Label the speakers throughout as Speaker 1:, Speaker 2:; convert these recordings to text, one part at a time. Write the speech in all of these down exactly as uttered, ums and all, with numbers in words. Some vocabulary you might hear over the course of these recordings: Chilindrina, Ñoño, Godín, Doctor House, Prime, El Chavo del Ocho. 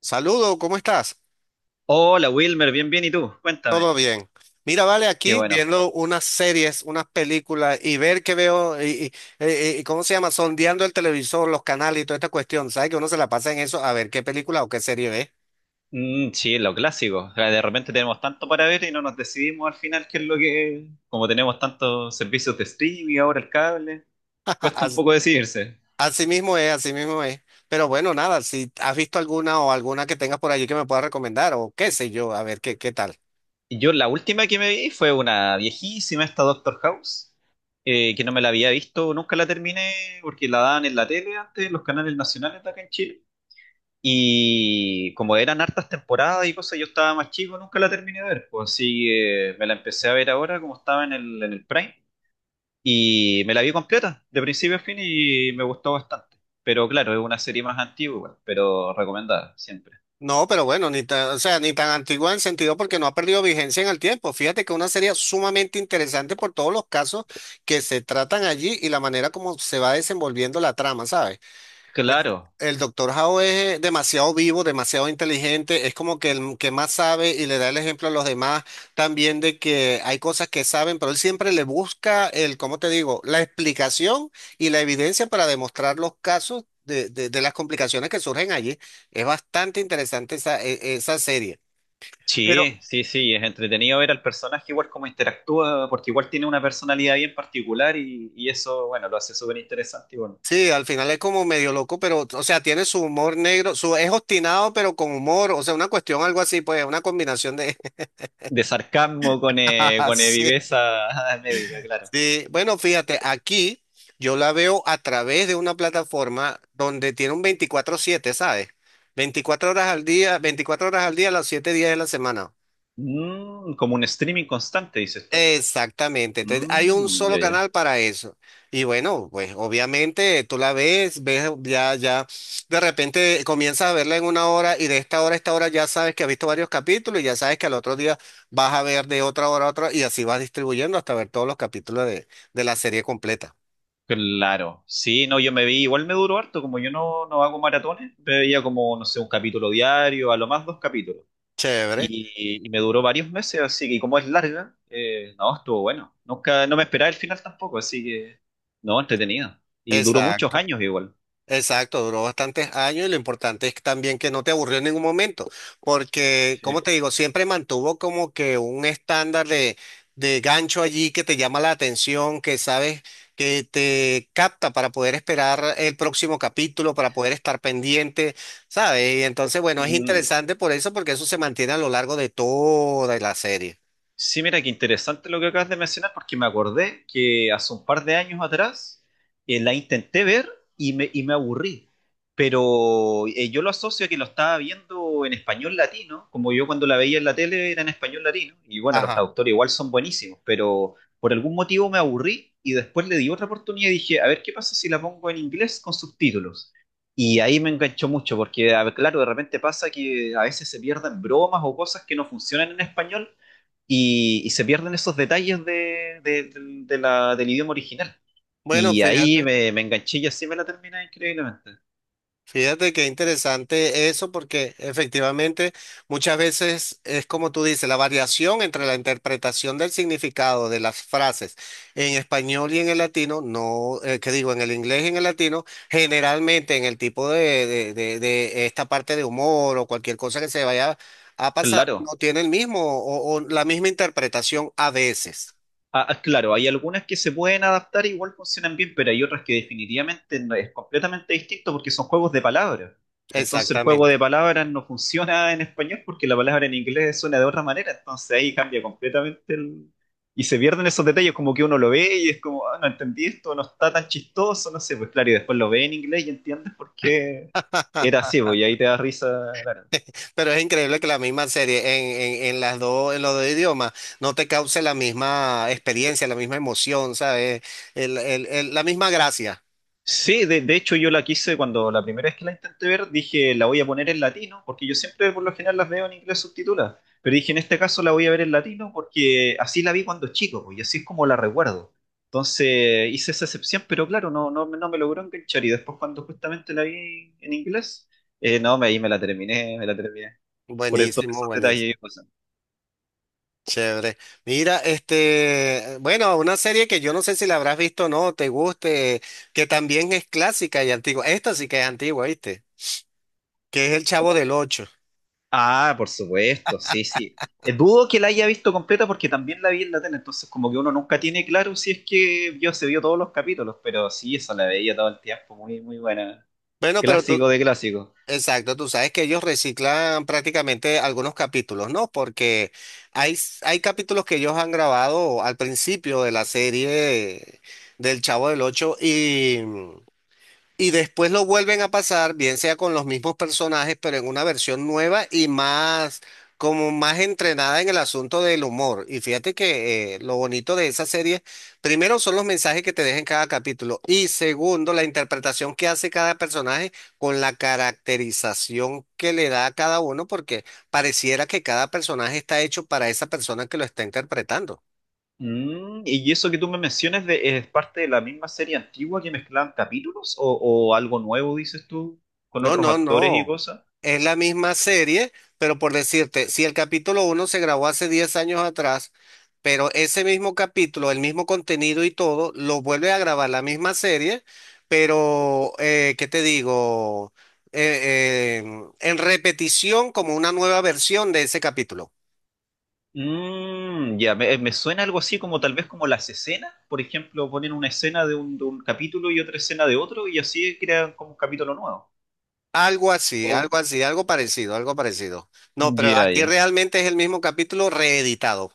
Speaker 1: Saludo, ¿cómo estás?
Speaker 2: Hola Wilmer, bien, bien, ¿y tú? Cuéntame.
Speaker 1: Todo bien. Mira, vale,
Speaker 2: Qué
Speaker 1: aquí
Speaker 2: bueno.
Speaker 1: viendo unas series, unas películas y ver qué veo y, y- eh, eh, ¿cómo se llama? Sondeando el televisor, los canales y toda esta cuestión. ¿Sabes que uno se la pasa en eso a ver qué película o qué serie ve?
Speaker 2: Mm, sí, lo clásico. O sea, de repente tenemos tanto para ver y no nos decidimos al final qué es lo que... Como tenemos tantos servicios de streaming, ahora el cable, cuesta un
Speaker 1: As-
Speaker 2: poco decidirse.
Speaker 1: Así mismo es, así mismo es. Pero bueno, nada, si has visto alguna o alguna que tengas por allí que me puedas recomendar o qué sé yo, a ver qué, qué tal.
Speaker 2: Y Yo la última que me vi fue una viejísima, esta Doctor House, eh, que no me la había visto, nunca la terminé porque la daban en la tele antes, en los canales nacionales de acá en Chile. Y como eran hartas temporadas y cosas, yo estaba más chico, nunca la terminé de ver. Pues así que me la empecé a ver ahora, como estaba en el, en el Prime, y me la vi completa, de principio a fin, y me gustó bastante. Pero claro, es una serie más antigua, igual, pero recomendada siempre.
Speaker 1: No, pero bueno, ni tan, o sea, ni tan antigua en sentido porque no ha perdido vigencia en el tiempo. Fíjate que es una serie sumamente interesante por todos los casos que se tratan allí y la manera como se va desenvolviendo la trama, ¿sabes?
Speaker 2: Claro,
Speaker 1: El doctor Howe es eh, demasiado vivo, demasiado inteligente, es como que el que más sabe y le da el ejemplo a los demás también de que hay cosas que saben, pero él siempre le busca el, ¿cómo te digo?, la explicación y la evidencia para demostrar los casos de, de- de las complicaciones que surgen allí. Es bastante interesante esa, e- esa serie. Pero
Speaker 2: sí, sí, sí, es entretenido ver al personaje igual cómo interactúa, porque igual tiene una personalidad bien particular y, y eso, bueno, lo hace súper interesante, y bueno,
Speaker 1: sí, al final es como medio loco, pero, o sea, tiene su humor negro, su, es obstinado, pero con humor, o sea, una cuestión, algo así, pues, una combinación de...
Speaker 2: de sarcasmo con, eh, con eh,
Speaker 1: Sí.
Speaker 2: viveza médica, claro.
Speaker 1: Sí, bueno, fíjate, aquí yo la veo a través de una plataforma donde tiene un veinticuatro siete, ¿sabes? Veinticuatro horas al día, veinticuatro horas al día, los siete días de la semana.
Speaker 2: Mm, como un streaming constante, dices tú.
Speaker 1: Exactamente, entonces hay un
Speaker 2: Mm,
Speaker 1: solo
Speaker 2: ya, ya.
Speaker 1: canal para eso. Y bueno, pues obviamente tú la ves, ves ya, ya, de repente comienzas a verla en una hora y de esta hora a esta hora ya sabes que has visto varios capítulos y ya sabes que al otro día vas a ver de otra hora a otra y así vas distribuyendo hasta ver todos los capítulos de, de la serie completa.
Speaker 2: Claro. Sí, no, yo me vi, igual me duró harto, como yo no, no hago maratones, me veía como, no sé, un capítulo diario, a lo más dos capítulos.
Speaker 1: Chévere.
Speaker 2: Y, y me duró varios meses, así que y como es larga, eh, no, estuvo bueno. Nunca, no me esperaba el final tampoco, así que, no, entretenido. Y duró muchos
Speaker 1: Exacto,
Speaker 2: años igual.
Speaker 1: exacto, duró bastantes años y lo importante es también que no te aburrió en ningún momento, porque,
Speaker 2: Sí.
Speaker 1: como te digo, siempre mantuvo como que un estándar de, de gancho allí que te llama la atención, que sabes que te capta para poder esperar el próximo capítulo, para poder estar pendiente, ¿sabes? Y entonces, bueno, es
Speaker 2: Mm.
Speaker 1: interesante por eso, porque eso se mantiene a lo largo de toda la serie.
Speaker 2: Sí, mira, qué interesante lo que acabas de mencionar, porque me acordé que hace un par de años atrás eh, la intenté ver y me, y me aburrí. Pero eh, yo lo asocio a que lo estaba viendo en español latino, como yo cuando la veía en la tele era en español latino. Y bueno, los
Speaker 1: Ajá.
Speaker 2: traductores igual son buenísimos, pero por algún motivo me aburrí y después le di otra oportunidad y dije, a ver qué pasa si la pongo en inglés con subtítulos. Y ahí me enganchó mucho, porque a ver, claro, de repente pasa que a veces se pierden bromas o cosas que no funcionan en español y, y se pierden esos detalles de, de- de- de la, del idioma original.
Speaker 1: Bueno,
Speaker 2: Y ahí
Speaker 1: fíjate.
Speaker 2: me, me enganché y así me la terminé increíblemente.
Speaker 1: Fíjate qué interesante eso, porque efectivamente muchas veces es como tú dices, la variación entre la interpretación del significado de las frases en español y en el latino, no, eh, que digo, en el inglés y en el latino, generalmente en el tipo de, de, de- de esta parte de humor o cualquier cosa que se vaya a pasar, no
Speaker 2: Claro,
Speaker 1: tiene el mismo o o la misma interpretación a veces.
Speaker 2: ah, ah, claro, hay algunas que se pueden adaptar y igual funcionan bien, pero hay otras que definitivamente no- es completamente distinto porque son juegos de palabras. Entonces el juego
Speaker 1: Exactamente.
Speaker 2: de palabras no funciona en español porque la palabra en inglés suena de otra manera, entonces ahí cambia completamente el... Y se pierden esos detalles, como que uno lo ve y es como, ah, no entendí esto, no está tan chistoso, no sé, pues claro, y después lo ve en inglés y entiendes por qué era así, pues, y ahí te da risa, claro.
Speaker 1: Pero es increíble que la misma serie en, en, en las dos, en los dos idiomas no te cause la misma experiencia, la misma emoción, ¿sabes? El- el- el- la misma gracia.
Speaker 2: Sí, de, de hecho yo la quise cuando la primera vez que la intenté ver, dije la voy a poner en latino, porque yo siempre por lo general las veo en inglés subtitulada, pero dije en este caso la voy a ver en latino porque así la vi cuando chico, pues, y así es como la recuerdo. Entonces hice esa excepción, pero claro, no, no, no me logró enganchar y después cuando justamente la vi en inglés, eh, no, me, ahí me la terminé, me la terminé, por estos
Speaker 1: Buenísimo,
Speaker 2: esos
Speaker 1: buenísimo.
Speaker 2: detalles y cosas.
Speaker 1: Chévere. Mira, este, bueno, una serie que yo no sé si la habrás visto o no, te guste, que también es clásica y antigua. Esta sí que es antigua, ¿viste? Que es El Chavo del Ocho.
Speaker 2: Ah, por supuesto, sí, sí. Eh, dudo que la haya visto completa porque también la vi en la tele, entonces como que uno nunca tiene claro si es que vio, se vio todos los capítulos, pero sí, esa la veía todo el tiempo, muy, muy buena.
Speaker 1: Bueno, pero
Speaker 2: Clásico
Speaker 1: tú,
Speaker 2: de clásico.
Speaker 1: exacto, tú sabes que ellos reciclan prácticamente algunos capítulos, ¿no? Porque hay, s- hay capítulos que ellos han grabado al principio de la serie del Chavo del Ocho y, y después lo vuelven a pasar, bien sea con los mismos personajes, pero en una versión nueva y más, como más entrenada en el asunto del humor. Y fíjate que eh, lo bonito de esa serie, primero son los mensajes que te deja en cada capítulo y segundo, la interpretación que hace cada personaje con la caracterización que le da a cada uno, porque pareciera que cada personaje está hecho para esa persona que lo está interpretando.
Speaker 2: Mm, y eso que tú me mencionas de- es parte de la misma serie antigua que mezclaban capítulos o, o algo nuevo, dices tú, con
Speaker 1: No,
Speaker 2: otros
Speaker 1: no,
Speaker 2: actores y
Speaker 1: no.
Speaker 2: cosas.
Speaker 1: Es la misma serie, pero por decirte, si el capítulo uno se grabó hace diez años atrás, pero ese mismo capítulo, el mismo contenido y todo, lo vuelve a grabar la misma serie, pero, eh, ¿qué te digo? Eh, eh, en repetición como una nueva versión de ese capítulo.
Speaker 2: Mm, ya, me, me suena algo así como tal vez como las escenas, por ejemplo, ponen una escena de un, de un capítulo y otra escena de otro y así crean como un capítulo nuevo.
Speaker 1: Algo así,
Speaker 2: O,
Speaker 1: algo así, algo parecido, algo parecido. No, pero
Speaker 2: ya,
Speaker 1: aquí
Speaker 2: ya.
Speaker 1: realmente es el mismo capítulo reeditado.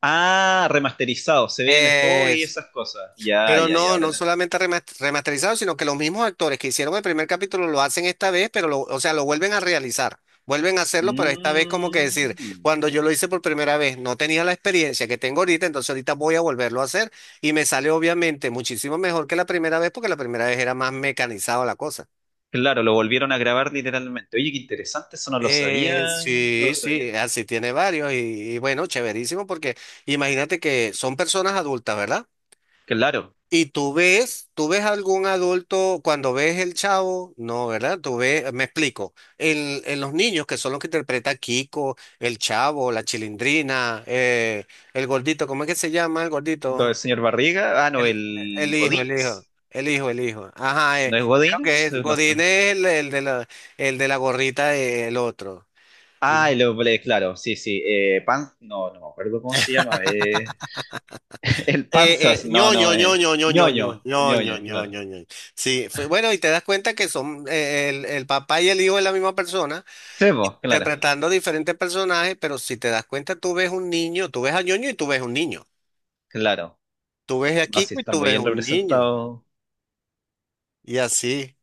Speaker 2: Ah, remasterizado, se ve mejor y esas cosas. Ya,
Speaker 1: Pero
Speaker 2: ya, ya,
Speaker 1: no,
Speaker 2: ahora
Speaker 1: no
Speaker 2: las tengo.
Speaker 1: solamente remas- remasterizado, sino que los mismos actores que hicieron el primer capítulo lo hacen esta vez, pero lo, o sea, lo vuelven a realizar. Vuelven a hacerlo, pero esta vez como que decir,
Speaker 2: Mm,
Speaker 1: cuando yo lo hice por primera vez, no tenía la experiencia que tengo ahorita, entonces ahorita voy a volverlo a hacer y me sale obviamente muchísimo mejor que la primera vez porque la primera vez era más mecanizado la cosa.
Speaker 2: claro, lo volvieron a grabar literalmente. Oye, qué interesante, eso no lo sabía,
Speaker 1: Eh,
Speaker 2: no
Speaker 1: sí,
Speaker 2: lo sabía.
Speaker 1: sí, así tiene varios y, y bueno, chéverísimo porque imagínate que son personas adultas, ¿verdad?
Speaker 2: Claro,
Speaker 1: Y tú ves, tú ves algún adulto cuando ves el chavo, no, ¿verdad? Tú ves, me explico, en, en los niños que son los que interpreta Kiko, el chavo, la chilindrina, eh, el gordito, ¿cómo es que se llama el
Speaker 2: lo del
Speaker 1: gordito?
Speaker 2: señor Barriga, ah, no,
Speaker 1: El, el
Speaker 2: el
Speaker 1: hijo, el hijo,
Speaker 2: Godínez.
Speaker 1: el hijo, el hijo. Ajá, eh,
Speaker 2: ¿No es
Speaker 1: creo que
Speaker 2: Godínez?
Speaker 1: es,
Speaker 2: No,
Speaker 1: Godín
Speaker 2: no.
Speaker 1: es el, el de la, el de la gorrita, eh, el otro.
Speaker 2: Ah,
Speaker 1: No,
Speaker 2: el oble, claro, sí, sí. Eh, pan, no, no me acuerdo cómo se llama. eh, el
Speaker 1: Eh,
Speaker 2: panzas,
Speaker 1: eh,
Speaker 2: no, no,
Speaker 1: ñoño,
Speaker 2: eh.
Speaker 1: ñoño, ñoño, ñoño,
Speaker 2: Ñoño,
Speaker 1: ñoño,
Speaker 2: ñoño,
Speaker 1: ñoño,
Speaker 2: claro.
Speaker 1: ñoño. Sí, fue- bueno, y te das cuenta que son eh, el, el papá y el hijo de la misma persona,
Speaker 2: Sebo, claro,
Speaker 1: interpretando diferentes personajes, pero si te das cuenta, tú ves un niño, tú ves a ñoño y tú ves un niño.
Speaker 2: claro.
Speaker 1: Tú ves a
Speaker 2: Así
Speaker 1: Kiko y
Speaker 2: están
Speaker 1: tú
Speaker 2: muy
Speaker 1: ves
Speaker 2: bien
Speaker 1: un niño.
Speaker 2: representados.
Speaker 1: Y así.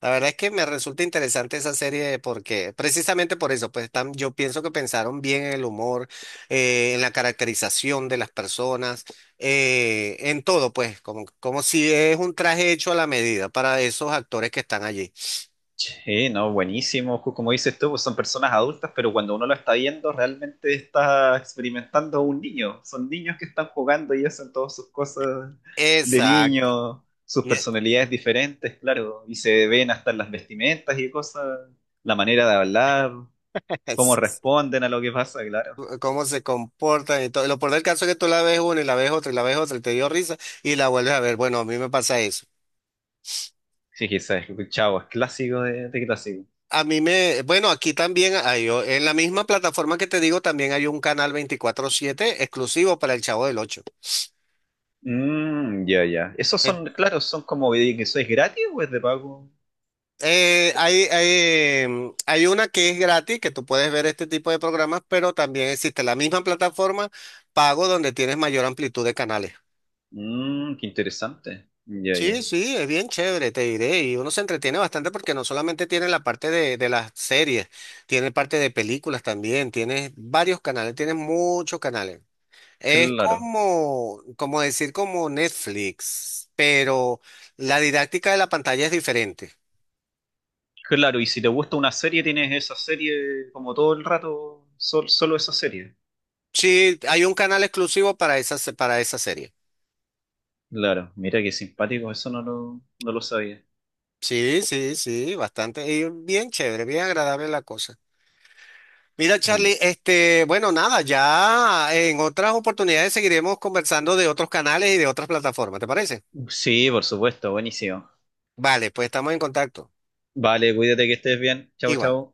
Speaker 1: La verdad es que me resulta interesante esa serie porque precisamente por eso, pues tam- yo pienso que pensaron bien en el humor, eh, en la caracterización de las personas, eh, en todo, pues, como, como si es un traje hecho a la medida para esos actores que están allí.
Speaker 2: Sí, no, buenísimo. Ju- como dices tú, pues son personas adultas, pero cuando uno lo está viendo, realmente está experimentando un niño. Son niños que están jugando y hacen todas sus cosas de
Speaker 1: Exacto.
Speaker 2: niño, sus
Speaker 1: Y es-
Speaker 2: personalidades diferentes, claro. Y se ven hasta en las vestimentas y cosas la manera de hablar, cómo responden a lo que pasa, claro.
Speaker 1: Cómo se comportan y todo. Lo peor del caso es que tú la ves una y la ves otra y la ves otra y te dio risa y la vuelves a ver. Bueno, a mí me pasa eso.
Speaker 2: Sí, quizás, chavo, es clásico de, de clásico.
Speaker 1: A mí me, bueno, aquí también hay, o- en la misma plataforma que te digo, también hay un canal veinticuatro siete exclusivo para el Chavo del ocho.
Speaker 2: Mm, ya, ya. ¿Esos son, claro, son como de que sois gratis o es de pago?
Speaker 1: Eh, hay, hay, mm, hay una que es gratis, que tú puedes ver este tipo de programas, pero también existe la misma plataforma pago donde tienes mayor amplitud de canales.
Speaker 2: Mmm, qué interesante. Ya,
Speaker 1: Sí,
Speaker 2: ya.
Speaker 1: sí, es bien chévere, te diré. Y uno se entretiene bastante porque no solamente tiene la parte de, de las series, tiene parte de películas también, tienes varios canales, tienes muchos canales. Es
Speaker 2: Claro,
Speaker 1: como, como decir como Netflix, pero la didáctica de la pantalla es diferente.
Speaker 2: claro. Y si te gusta una serie, tienes esa serie como todo el rato, sol- solo esa serie.
Speaker 1: Sí, hay un canal exclusivo para esa, se- para esa serie.
Speaker 2: Claro, mira qué simpático, eso no lo, no lo sabía.
Speaker 1: Sí, sí, sí, bastante. Y bien chévere, bien agradable la cosa. Mira,
Speaker 2: El-
Speaker 1: Charlie, este, bueno, nada, ya en otras oportunidades seguiremos conversando de otros canales y de otras plataformas, ¿te parece?
Speaker 2: sí, por supuesto, buenísimo.
Speaker 1: Vale, pues estamos en contacto.
Speaker 2: Vale, cuídate que estés bien. Chao,
Speaker 1: Igual.
Speaker 2: chao.